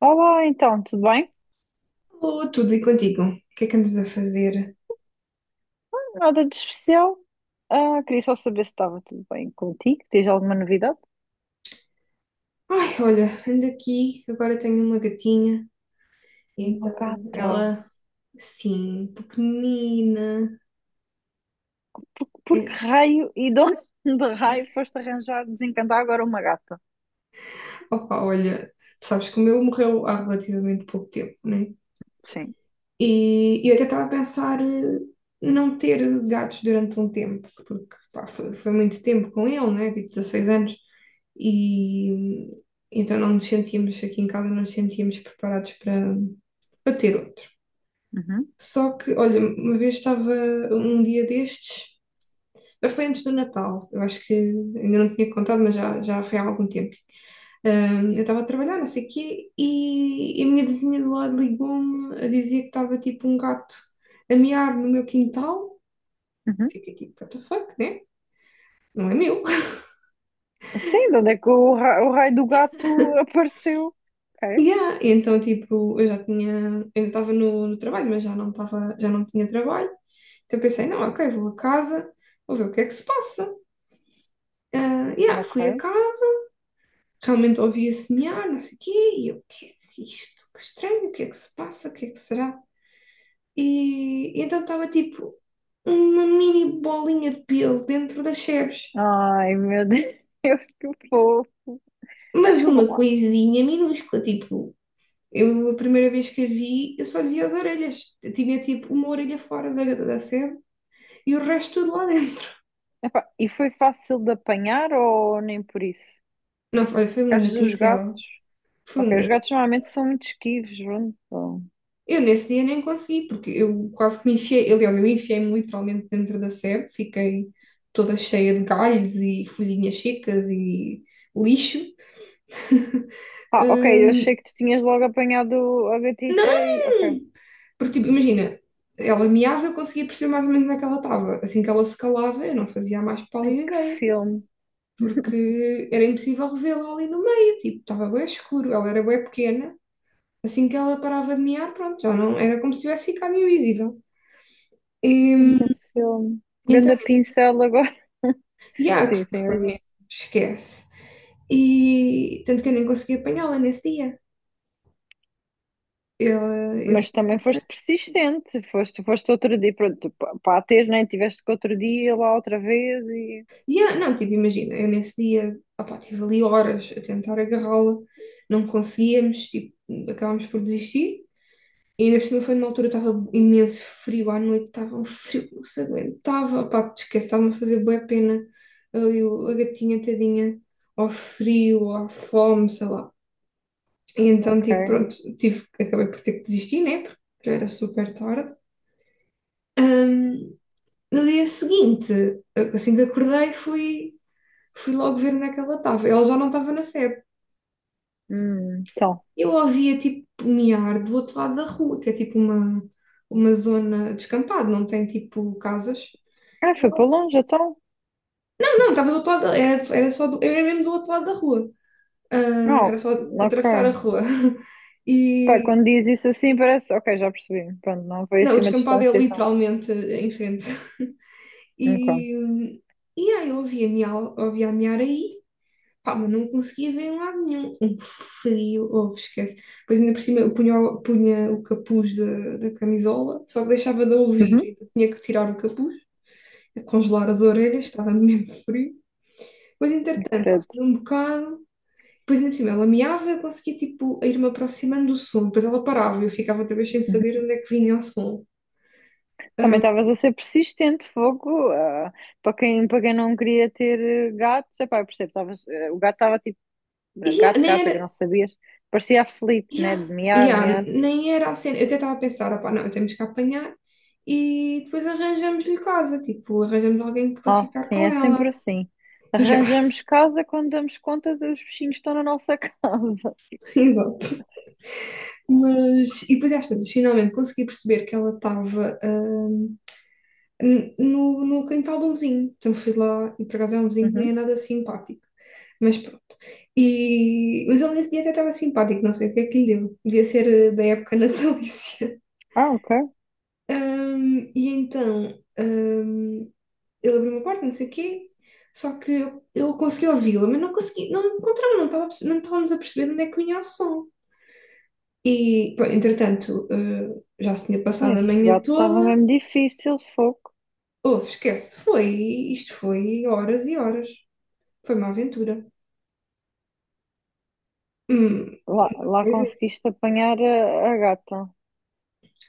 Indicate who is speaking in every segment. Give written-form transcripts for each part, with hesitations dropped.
Speaker 1: Olá, então, tudo bem?
Speaker 2: Alô, tudo e contigo? O que é que andas a fazer?
Speaker 1: Nada de especial. Ah, queria só saber se estava tudo bem contigo. Tens alguma novidade?
Speaker 2: Ai, olha, ando aqui, agora tenho uma gatinha,
Speaker 1: Uma
Speaker 2: então
Speaker 1: gata.
Speaker 2: ela, sim, pequenina.
Speaker 1: Por que
Speaker 2: É,
Speaker 1: raio e de onde de raio foste arranjar, desencantar agora uma gata?
Speaker 2: opa, olha, sabes que o meu morreu há relativamente pouco tempo, né?
Speaker 1: Sim.
Speaker 2: E eu até estava a pensar não ter gatos durante um tempo, porque pá, foi muito tempo com ele, né? Tipo 16 anos, e então não nos sentíamos aqui em casa, não nos sentíamos preparados para ter outro.
Speaker 1: Uhum,
Speaker 2: Só que, olha, uma vez estava um dia destes, já foi antes do Natal, eu acho que ainda não tinha contado, mas já foi há algum tempo. Eu estava a trabalhar, não sei o quê, e a minha vizinha do lado ligou-me a dizer que estava tipo um gato a miar no meu quintal.
Speaker 1: uhum.
Speaker 2: Fiquei tipo, what the fuck, né? Não é meu.
Speaker 1: Sim, de onde é que o raio do gato apareceu? Ok,
Speaker 2: Yeah. E então, tipo, eu já tinha, ainda estava no trabalho, mas já não estava, já não tinha trabalho. Então eu pensei, não, ok, vou a casa, vou ver o que é que se passa. Ah, yeah,
Speaker 1: ok.
Speaker 2: fui a casa realmente ouvia semear, não sei o quê, e eu, o que é é isto? Que estranho, o que é que se passa, o que é que será? E então estava tipo uma mini bolinha de pelo dentro das sebes,
Speaker 1: Ai, meu Deus, que fofo. Mas
Speaker 2: mas
Speaker 1: desculpa
Speaker 2: uma
Speaker 1: lá.
Speaker 2: coisinha minúscula, tipo, eu a primeira vez que a vi, eu só vi as orelhas, eu tinha tipo uma orelha fora da sebe e o resto tudo lá dentro.
Speaker 1: Epá, e foi fácil de apanhar ou nem por isso?
Speaker 2: Não, foi um
Speaker 1: Porque às
Speaker 2: grande
Speaker 1: vezes os
Speaker 2: pincel,
Speaker 1: gatos.
Speaker 2: foi um
Speaker 1: Ok, os
Speaker 2: grande.
Speaker 1: gatos normalmente são muito esquivos, pronto. Então.
Speaker 2: Eu nesse dia nem consegui, porque eu quase que me enfiei, aliás, eu enfiei-me literalmente dentro da sebe, fiquei toda cheia de galhos e folhinhas secas e lixo.
Speaker 1: Ah, ok, eu
Speaker 2: Hum,
Speaker 1: achei que tu tinhas logo apanhado a gatita
Speaker 2: não!
Speaker 1: e. Ok.
Speaker 2: Porque, tipo, imagina, ela meava, eu conseguia perceber mais ou menos onde é que ela estava. Assim que ela se calava, eu não fazia a mais
Speaker 1: Ai,
Speaker 2: pálida
Speaker 1: que
Speaker 2: ideia,
Speaker 1: filme.
Speaker 2: porque era impossível revê-la ali no meio, tipo, estava bem escuro, ela era bem pequena. Assim que ela parava de mear, pronto, já não, era como se tivesse ficado invisível. E,
Speaker 1: Ganda filme.
Speaker 2: então,
Speaker 1: Ganda
Speaker 2: nesse
Speaker 1: pincel agora.
Speaker 2: e yeah, que
Speaker 1: Sim, sim,
Speaker 2: foi
Speaker 1: mas disse.
Speaker 2: mesmo, esquece. E tanto que eu nem consegui apanhá-la nesse dia. Eu,
Speaker 1: Mas
Speaker 2: esse,
Speaker 1: também foste persistente. Foste outro dia. Pronto, pá, tens, né? Tiveste que outro dia lá outra vez e.
Speaker 2: yeah, não, tipo, imagina, eu nesse dia, opá, estive ali horas a tentar agarrá-la, não conseguíamos, tipo, acabámos por desistir. E ainda por cima foi numa altura, estava imenso frio à noite, estava um frio que não se aguentava, opá, te esquece, estava-me a fazer boa pena ali a gatinha tadinha, ao frio, à fome, sei lá. E então, tipo,
Speaker 1: Ok.
Speaker 2: pronto, tive, acabei por ter que desistir, né? Porque já era super tarde. Ahm, no dia seguinte, assim que acordei, fui, fui logo ver onde é que ela estava. Ela já não estava na sede.
Speaker 1: Então.
Speaker 2: Eu ouvia, tipo, miar do outro lado da rua, que é tipo uma zona descampada, não tem, tipo, casas.
Speaker 1: Ah, foi para longe, então.
Speaker 2: Não, não, estava do outro lado, era, era só do, era mesmo do outro lado da rua.
Speaker 1: Não,
Speaker 2: Era só
Speaker 1: ok.
Speaker 2: atravessar a rua.
Speaker 1: Pá,
Speaker 2: E,
Speaker 1: quando diz isso assim parece. Ok, já percebi. Pronto, não foi
Speaker 2: não, o
Speaker 1: assim uma
Speaker 2: descampado é
Speaker 1: distância, então.
Speaker 2: literalmente em frente.
Speaker 1: Ok.
Speaker 2: E, e aí eu ouvia miar aí, pá, mas não conseguia ver em lado nenhum. Um frio, oh, esquece. Depois ainda por cima eu punha, punha o capuz da camisola, só que deixava de ouvir,
Speaker 1: Uhum.
Speaker 2: então tinha que tirar o capuz, congelar as orelhas, estava mesmo frio. Depois, entretanto, ao
Speaker 1: Credo.
Speaker 2: fim de um bocado, depois ainda por cima ela miava, eu conseguia tipo ir-me aproximando do som, depois ela parava e eu ficava outra vez sem saber onde é que vinha o som.
Speaker 1: Também
Speaker 2: Ah,
Speaker 1: estavas a ser persistente, fogo. Para quem não queria ter gatos, epá, eu percebo, o gato estava tipo,
Speaker 2: e yeah,
Speaker 1: gato,
Speaker 2: nem
Speaker 1: gata, que
Speaker 2: era,
Speaker 1: não sabias, parecia aflito, né?
Speaker 2: yeah,
Speaker 1: De miar,
Speaker 2: yeah,
Speaker 1: miar.
Speaker 2: nem era a cena. Eu até estava a pensar, opá, não, temos que apanhar e depois arranjamos-lhe casa, tipo, arranjamos alguém que vai
Speaker 1: Ah,
Speaker 2: ficar
Speaker 1: sim,
Speaker 2: com
Speaker 1: é sempre
Speaker 2: ela.
Speaker 1: assim.
Speaker 2: Yeah,
Speaker 1: Arranjamos casa quando damos conta dos bichinhos que estão na nossa casa.
Speaker 2: exato. Mas, e depois às tantas, finalmente consegui perceber que ela estava no, no quintal de um vizinho. Então fui lá e por acaso é um vizinho que nem é
Speaker 1: Uhum.
Speaker 2: nada simpático. Mas pronto. E, mas ele nesse dia até estava simpático, não sei o que é que lhe deu. Devia ser da época natalícia.
Speaker 1: Ah, ok.
Speaker 2: E então, ahm, ele abriu uma porta, não sei o quê, só que eu consegui ouvi-la, mas não consegui, não encontrava, não estava, não estávamos a perceber de onde é que vinha o som. E, pá, entretanto, já se tinha passado a
Speaker 1: Esse
Speaker 2: manhã
Speaker 1: gato estava
Speaker 2: toda.
Speaker 1: mesmo difícil, fogo.
Speaker 2: Houve, esquece, foi, isto foi horas e horas. Foi uma aventura. Hum,
Speaker 1: Lá
Speaker 2: meu Deus.
Speaker 1: conseguiste apanhar a gata.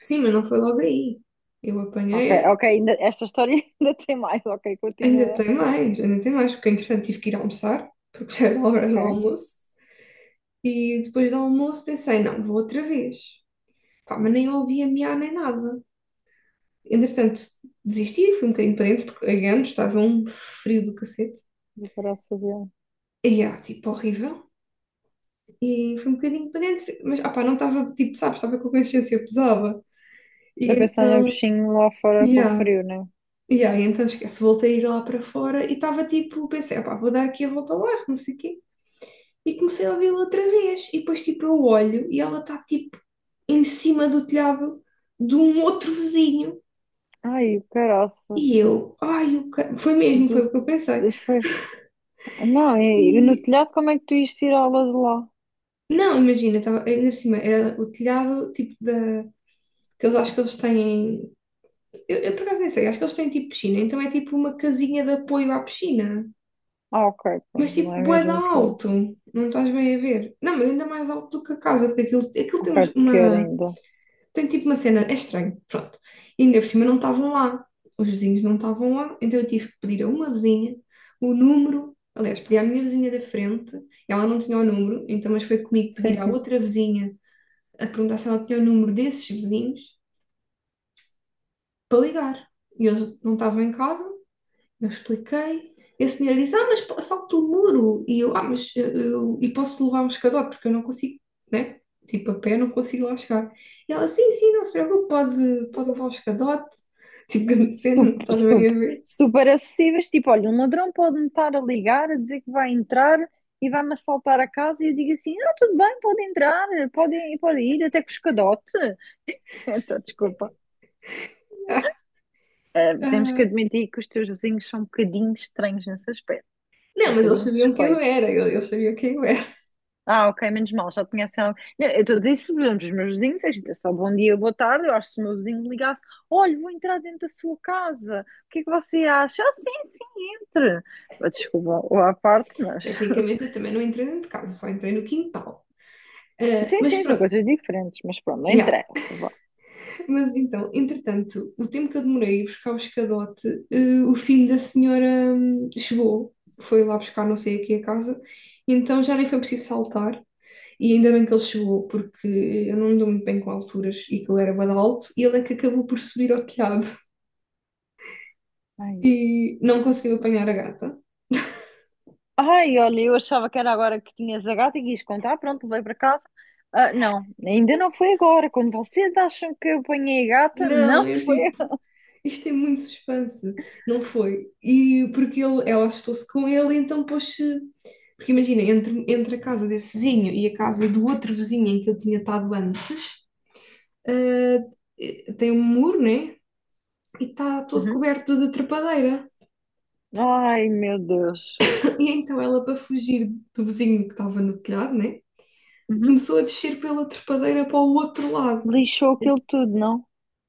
Speaker 2: Sim, mas não foi logo aí. Eu apanhei,
Speaker 1: Ok, ok, esta história ainda tem mais, ok, continua.
Speaker 2: ainda tem mais, porque entretanto tive que ir almoçar, porque já era horas
Speaker 1: Ok.
Speaker 2: do almoço. E depois do almoço pensei, não, vou outra vez. Pá, mas nem ouvi a miar nem nada. Entretanto, desisti, fui um bocadinho para dentro, porque again, estava um frio do cacete.
Speaker 1: Vou parar de fazer.
Speaker 2: E ah, tipo, horrível. E fui um bocadinho para dentro, mas ah, pá, não estava, tipo, sabes, estava com a consciência pesada. E
Speaker 1: Eu pensar no
Speaker 2: então,
Speaker 1: bichinho lá fora com o
Speaker 2: yeah,
Speaker 1: frio, né?
Speaker 2: yeah, e então esquece, voltei a ir lá para fora e estava tipo, pensei, ah, pá, vou dar aqui a volta ao bairro, não sei o quê. E comecei a ouvi-la outra vez. E depois, tipo, eu olho e ela está, tipo, em cima do telhado de um outro vizinho.
Speaker 1: Ai, o caraça.
Speaker 2: E eu, ai, foi mesmo, foi
Speaker 1: Do...
Speaker 2: o que eu pensei.
Speaker 1: Foi... Não, e no
Speaker 2: E
Speaker 1: telhado como é que tu ias tirá-la de lá?
Speaker 2: não, imagina, tava, ainda por cima, era o telhado tipo da. Que eles acho que eles têm. Eu por acaso nem sei, acho que eles têm tipo piscina, então é tipo uma casinha de apoio à piscina.
Speaker 1: Ah, ok,
Speaker 2: Mas
Speaker 1: pronto,
Speaker 2: tipo,
Speaker 1: não é
Speaker 2: bué de
Speaker 1: mesmo o telhado.
Speaker 2: alto, não estás bem a ver. Não, mas ainda mais alto do que a casa, porque aquilo, aquilo tem
Speaker 1: Ok, pior
Speaker 2: uma,
Speaker 1: ainda.
Speaker 2: tem tipo uma cena, é estranho, pronto. E ainda por cima não estavam lá, os vizinhos não estavam lá, então eu tive que pedir a uma vizinha o número, aliás, pedi à minha vizinha da frente, ela não tinha o número, então mas foi comigo pedir
Speaker 1: Sim,
Speaker 2: à
Speaker 1: sim.
Speaker 2: outra vizinha a perguntar se ela tinha o número desses vizinhos para ligar. E eles não estavam em casa, eu expliquei. E a senhora disse: Ah, mas salto o muro. E eu: Ah, mas eu, e posso levar um escadote, porque eu não consigo, né? Tipo, a pé não consigo lá chegar. E ela: Sim, sim, não se preocupe, pode, pode levar um escadote. Tipo, grande cena, não
Speaker 1: Super,
Speaker 2: estás bem a
Speaker 1: super,
Speaker 2: ver?
Speaker 1: super acessíveis. Tipo, olha, um ladrão pode-me estar a ligar, a dizer que vai entrar e vai-me assaltar a casa e eu digo assim, ah, tudo bem, pode entrar, pode ir, até com os cadote. Então, desculpa. Temos que
Speaker 2: Ah,
Speaker 1: admitir que os teus vizinhos são um bocadinho estranhos nessas aspecto. Um
Speaker 2: não, mas eles
Speaker 1: bocadinho
Speaker 2: sabiam quem eu
Speaker 1: suspeito.
Speaker 2: era, eles sabiam quem eu era.
Speaker 1: Ah, ok, menos mal, já tinha sido. Não, eu estou a dizer isso, por exemplo, os meus vizinhos, é gente, é só bom dia, boa tarde. Eu acho que se o meu vizinho me ligasse, olha, vou entrar dentro da sua casa, o que é que você acha? Ah, sim, sim, entre. Ah, desculpa o à parte, mas.
Speaker 2: Tecnicamente, eu também não entrei dentro de casa, só entrei no quintal. Ah,
Speaker 1: Sim,
Speaker 2: mas
Speaker 1: sim, são
Speaker 2: pronto,
Speaker 1: coisas diferentes, mas pronto, não
Speaker 2: yeah.
Speaker 1: interessa. Vá.
Speaker 2: Mas então, entretanto, o tempo que eu demorei a ir buscar o escadote, o filho da senhora chegou, foi lá buscar não sei aqui a casa, e então já nem foi preciso saltar, e ainda bem que ele chegou, porque eu não me dou muito bem com alturas e que ele era bada alto, e ele é que acabou por subir ao telhado
Speaker 1: Ai,
Speaker 2: e não conseguiu apanhar a gata.
Speaker 1: Ai, olha, eu achava que era agora que tinhas a gata e quis contar, pronto, levei para casa. Ah, não, ainda não foi agora. Quando vocês acham que eu apanhei a gata,
Speaker 2: Não,
Speaker 1: não
Speaker 2: é
Speaker 1: foi
Speaker 2: tipo,
Speaker 1: agora.
Speaker 2: isto tem muito suspense. Não foi. E porque ele, ela assustou-se com ele, então pôs-se. Porque imagina, entre a casa desse vizinho e a casa do outro vizinho em que eu tinha estado antes, ah, tem um muro, né? E está todo
Speaker 1: Uhum.
Speaker 2: coberto de trepadeira.
Speaker 1: Ai, meu Deus.
Speaker 2: E então ela, para fugir do vizinho que estava no telhado, né?
Speaker 1: Uhum.
Speaker 2: Começou a descer pela trepadeira para o outro lado.
Speaker 1: Lixou aquilo tudo, não?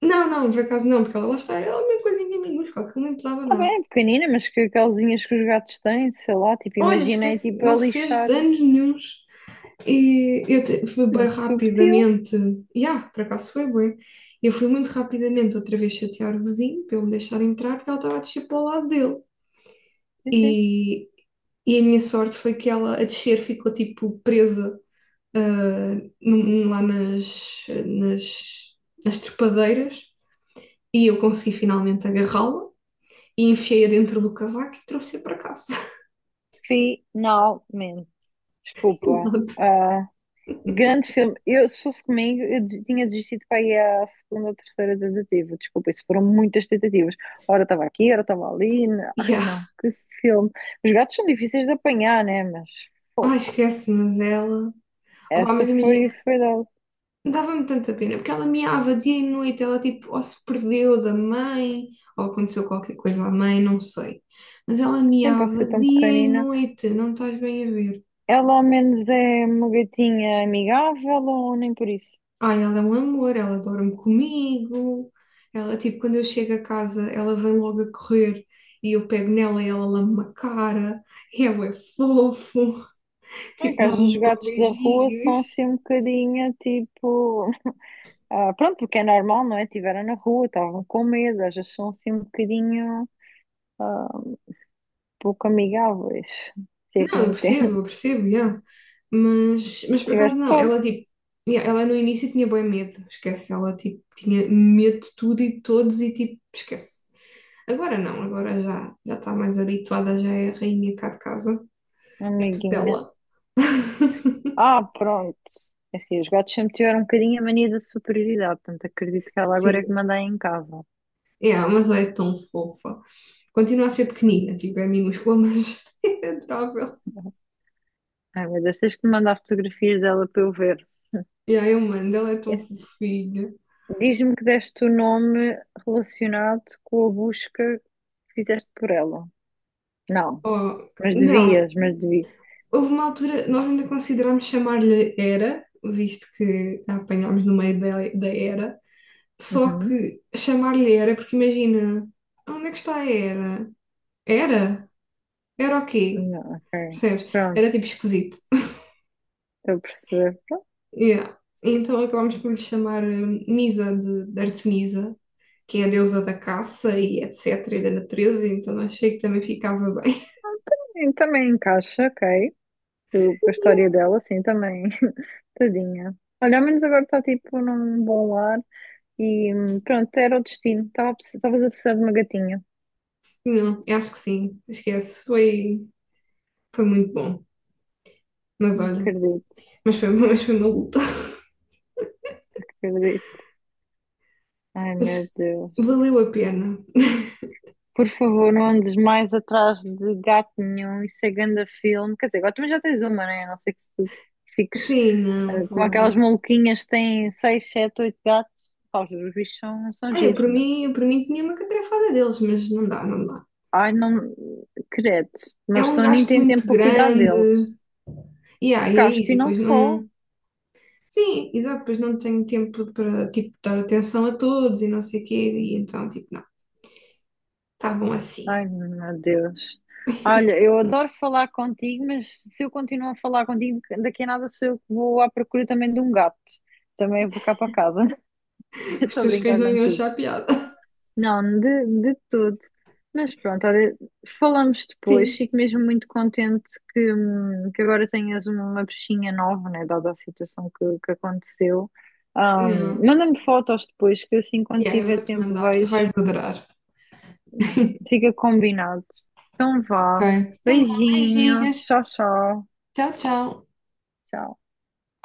Speaker 2: Não, não, por acaso não, porque ela lá está, era uma coisinha minúscula, que não pesava
Speaker 1: Tá
Speaker 2: nada.
Speaker 1: bem, é pequenina, mas que causinhas que os gatos têm, sei lá, tipo,
Speaker 2: Olha,
Speaker 1: imaginei
Speaker 2: esquece,
Speaker 1: tipo a
Speaker 2: não fez
Speaker 1: lixar.
Speaker 2: danos nenhuns. E fui bem
Speaker 1: Muito subtil.
Speaker 2: rapidamente, yeah, por acaso foi bem. Eu fui muito rapidamente outra vez chatear o vizinho para ele me deixar entrar, porque ela estava a descer para o lado dele. E, e a minha sorte foi que ela a descer ficou tipo presa ah, lá nas, nas trepadeiras e eu consegui finalmente agarrá-la e enfiei-a dentro do casaco e trouxe-a para casa.
Speaker 1: Finalmente. Desculpa.
Speaker 2: Exato.
Speaker 1: Ah, grande filme. Eu, se fosse comigo, tinha desistido para ir à segunda ou terceira tentativa. Desculpa, isso foram muitas tentativas. Ora estava aqui, ora estava ali. Ai
Speaker 2: Yeah.
Speaker 1: não, que filme. Os gatos são difíceis de apanhar, né? Mas
Speaker 2: Ai,
Speaker 1: pouco.
Speaker 2: esquece, mas ela. Opá,
Speaker 1: Essa
Speaker 2: mas
Speaker 1: foi,
Speaker 2: imagina.
Speaker 1: foi dada.
Speaker 2: Dava-me tanta pena, porque ela miava dia e noite, ela tipo, ou se perdeu da mãe, ou aconteceu qualquer coisa à mãe, não sei. Mas ela
Speaker 1: Sempre a
Speaker 2: miava
Speaker 1: ser tão
Speaker 2: dia e
Speaker 1: pequenina.
Speaker 2: noite, não estás bem a ver.
Speaker 1: Ela ao menos é uma gatinha amigável ou nem por isso?
Speaker 2: Ai, ela é um amor, ela dorme comigo, ela tipo, quando eu chego a casa, ela vem logo a correr e eu pego nela e ela lama-me a cara, e ela é fofo,
Speaker 1: Não é
Speaker 2: tipo,
Speaker 1: que às vezes
Speaker 2: dá-me
Speaker 1: os
Speaker 2: logo
Speaker 1: gatos da rua
Speaker 2: beijinhos.
Speaker 1: são assim um bocadinho tipo. Pronto, porque é normal, não é? Estiveram na rua, estavam com medo, às vezes são assim um bocadinho ah, pouco amigáveis, se é que
Speaker 2: Não,
Speaker 1: me entende.
Speaker 2: eu percebo, yeah. Mas por
Speaker 1: tiver
Speaker 2: acaso não,
Speaker 1: sorte,
Speaker 2: ela tipo, yeah, ela no início tinha bem medo, esquece, ela tipo tinha medo de tudo e de todos e tipo, esquece. Agora não, agora já está mais habituada, já é a rainha cá de casa, é tudo
Speaker 1: amiguinha.
Speaker 2: dela.
Speaker 1: Ah, pronto. É assim, os gatos sempre tiveram um bocadinho a mania da superioridade, portanto acredito que ela agora é que
Speaker 2: Sim,
Speaker 1: manda aí em casa. Não
Speaker 2: yeah, mas ela é tão fofa. Continua a ser pequenina, tipo, é minúscula, mas é adorável.
Speaker 1: é? Ai meu Deus, tens que me mandar fotografias dela para eu ver.
Speaker 2: Yeah, eu mando, ela é tão fofinha.
Speaker 1: Diz-me que deste o nome relacionado com a busca que fizeste por ela. Não,
Speaker 2: Oh,
Speaker 1: mas
Speaker 2: não.
Speaker 1: devias, mas devias.
Speaker 2: Houve uma altura, nós ainda considerámos chamar-lhe Era, visto que a apanhámos no meio da Era, só
Speaker 1: Uhum.
Speaker 2: que chamar-lhe Era, porque imagina, onde é que está a Era? Era? Era o quê?
Speaker 1: Não, ok.
Speaker 2: Percebes?
Speaker 1: Pronto,
Speaker 2: Era tipo esquisito.
Speaker 1: estou a perceber.
Speaker 2: Yeah. Então acabámos por lhe chamar Misa de Artemisa, que é a deusa da caça e etc. e da natureza, então achei que também ficava bem.
Speaker 1: E também encaixa, ok. Com a
Speaker 2: Yeah.
Speaker 1: história dela, sim, também. Tadinha. Olha, ao menos agora está tipo num bom lar e pronto, era o destino. Estavas a precisar de uma gatinha.
Speaker 2: Não, acho que sim, esquece, foi, foi muito bom. Mas olha,
Speaker 1: Acredito,
Speaker 2: mas foi, mas foi maluco.
Speaker 1: acredito. Ai, meu
Speaker 2: Mas
Speaker 1: Deus.
Speaker 2: valeu a pena.
Speaker 1: Por favor, não andes mais atrás de gato nenhum, isso é ganda filme. Quer dizer, agora também já tens uma, né? A não ser que tu fiques
Speaker 2: Sim, não,
Speaker 1: como aquelas
Speaker 2: vou.
Speaker 1: maluquinhas que têm seis, sete, oito gatos. Pá, os bichos são
Speaker 2: Ah,
Speaker 1: giros, mas.
Speaker 2: eu por mim tinha uma catrefada deles, mas não dá, não dá.
Speaker 1: Ai, não. Credo, uma
Speaker 2: É um
Speaker 1: pessoa nem
Speaker 2: gasto
Speaker 1: tem tempo
Speaker 2: muito
Speaker 1: para cuidar
Speaker 2: grande.
Speaker 1: deles.
Speaker 2: E aí e é
Speaker 1: Gasto
Speaker 2: isso, e
Speaker 1: e não
Speaker 2: depois
Speaker 1: só.
Speaker 2: não. Sim, exato, depois não tenho tempo para, tipo, dar atenção a todos e não sei o quê, e então, tipo, não, tá bom assim.
Speaker 1: Ai, meu Deus. Olha, eu adoro falar contigo, mas se eu continuo a falar contigo, daqui a nada sou eu que vou à procura também de um gato. Também para cá para casa.
Speaker 2: Os
Speaker 1: Estou a
Speaker 2: teus cães
Speaker 1: brincar
Speaker 2: não iam
Speaker 1: contigo.
Speaker 2: achar piada.
Speaker 1: Não, de todo. Mas pronto, olha, falamos depois.
Speaker 2: Sim,
Speaker 1: Fico mesmo muito contente que agora tenhas uma peixinha nova, né? Dada a situação que aconteceu.
Speaker 2: não.
Speaker 1: Manda-me fotos depois, que assim quando
Speaker 2: E aí eu
Speaker 1: tiver
Speaker 2: vou-te
Speaker 1: tempo
Speaker 2: mandar, tu vais
Speaker 1: vejo.
Speaker 2: adorar.
Speaker 1: Fica combinado. Então
Speaker 2: Ok,
Speaker 1: vá.
Speaker 2: então vá,
Speaker 1: Beijinho.
Speaker 2: beijinhos.
Speaker 1: Tchau, tchau.
Speaker 2: Tchau, tchau.
Speaker 1: Tchau.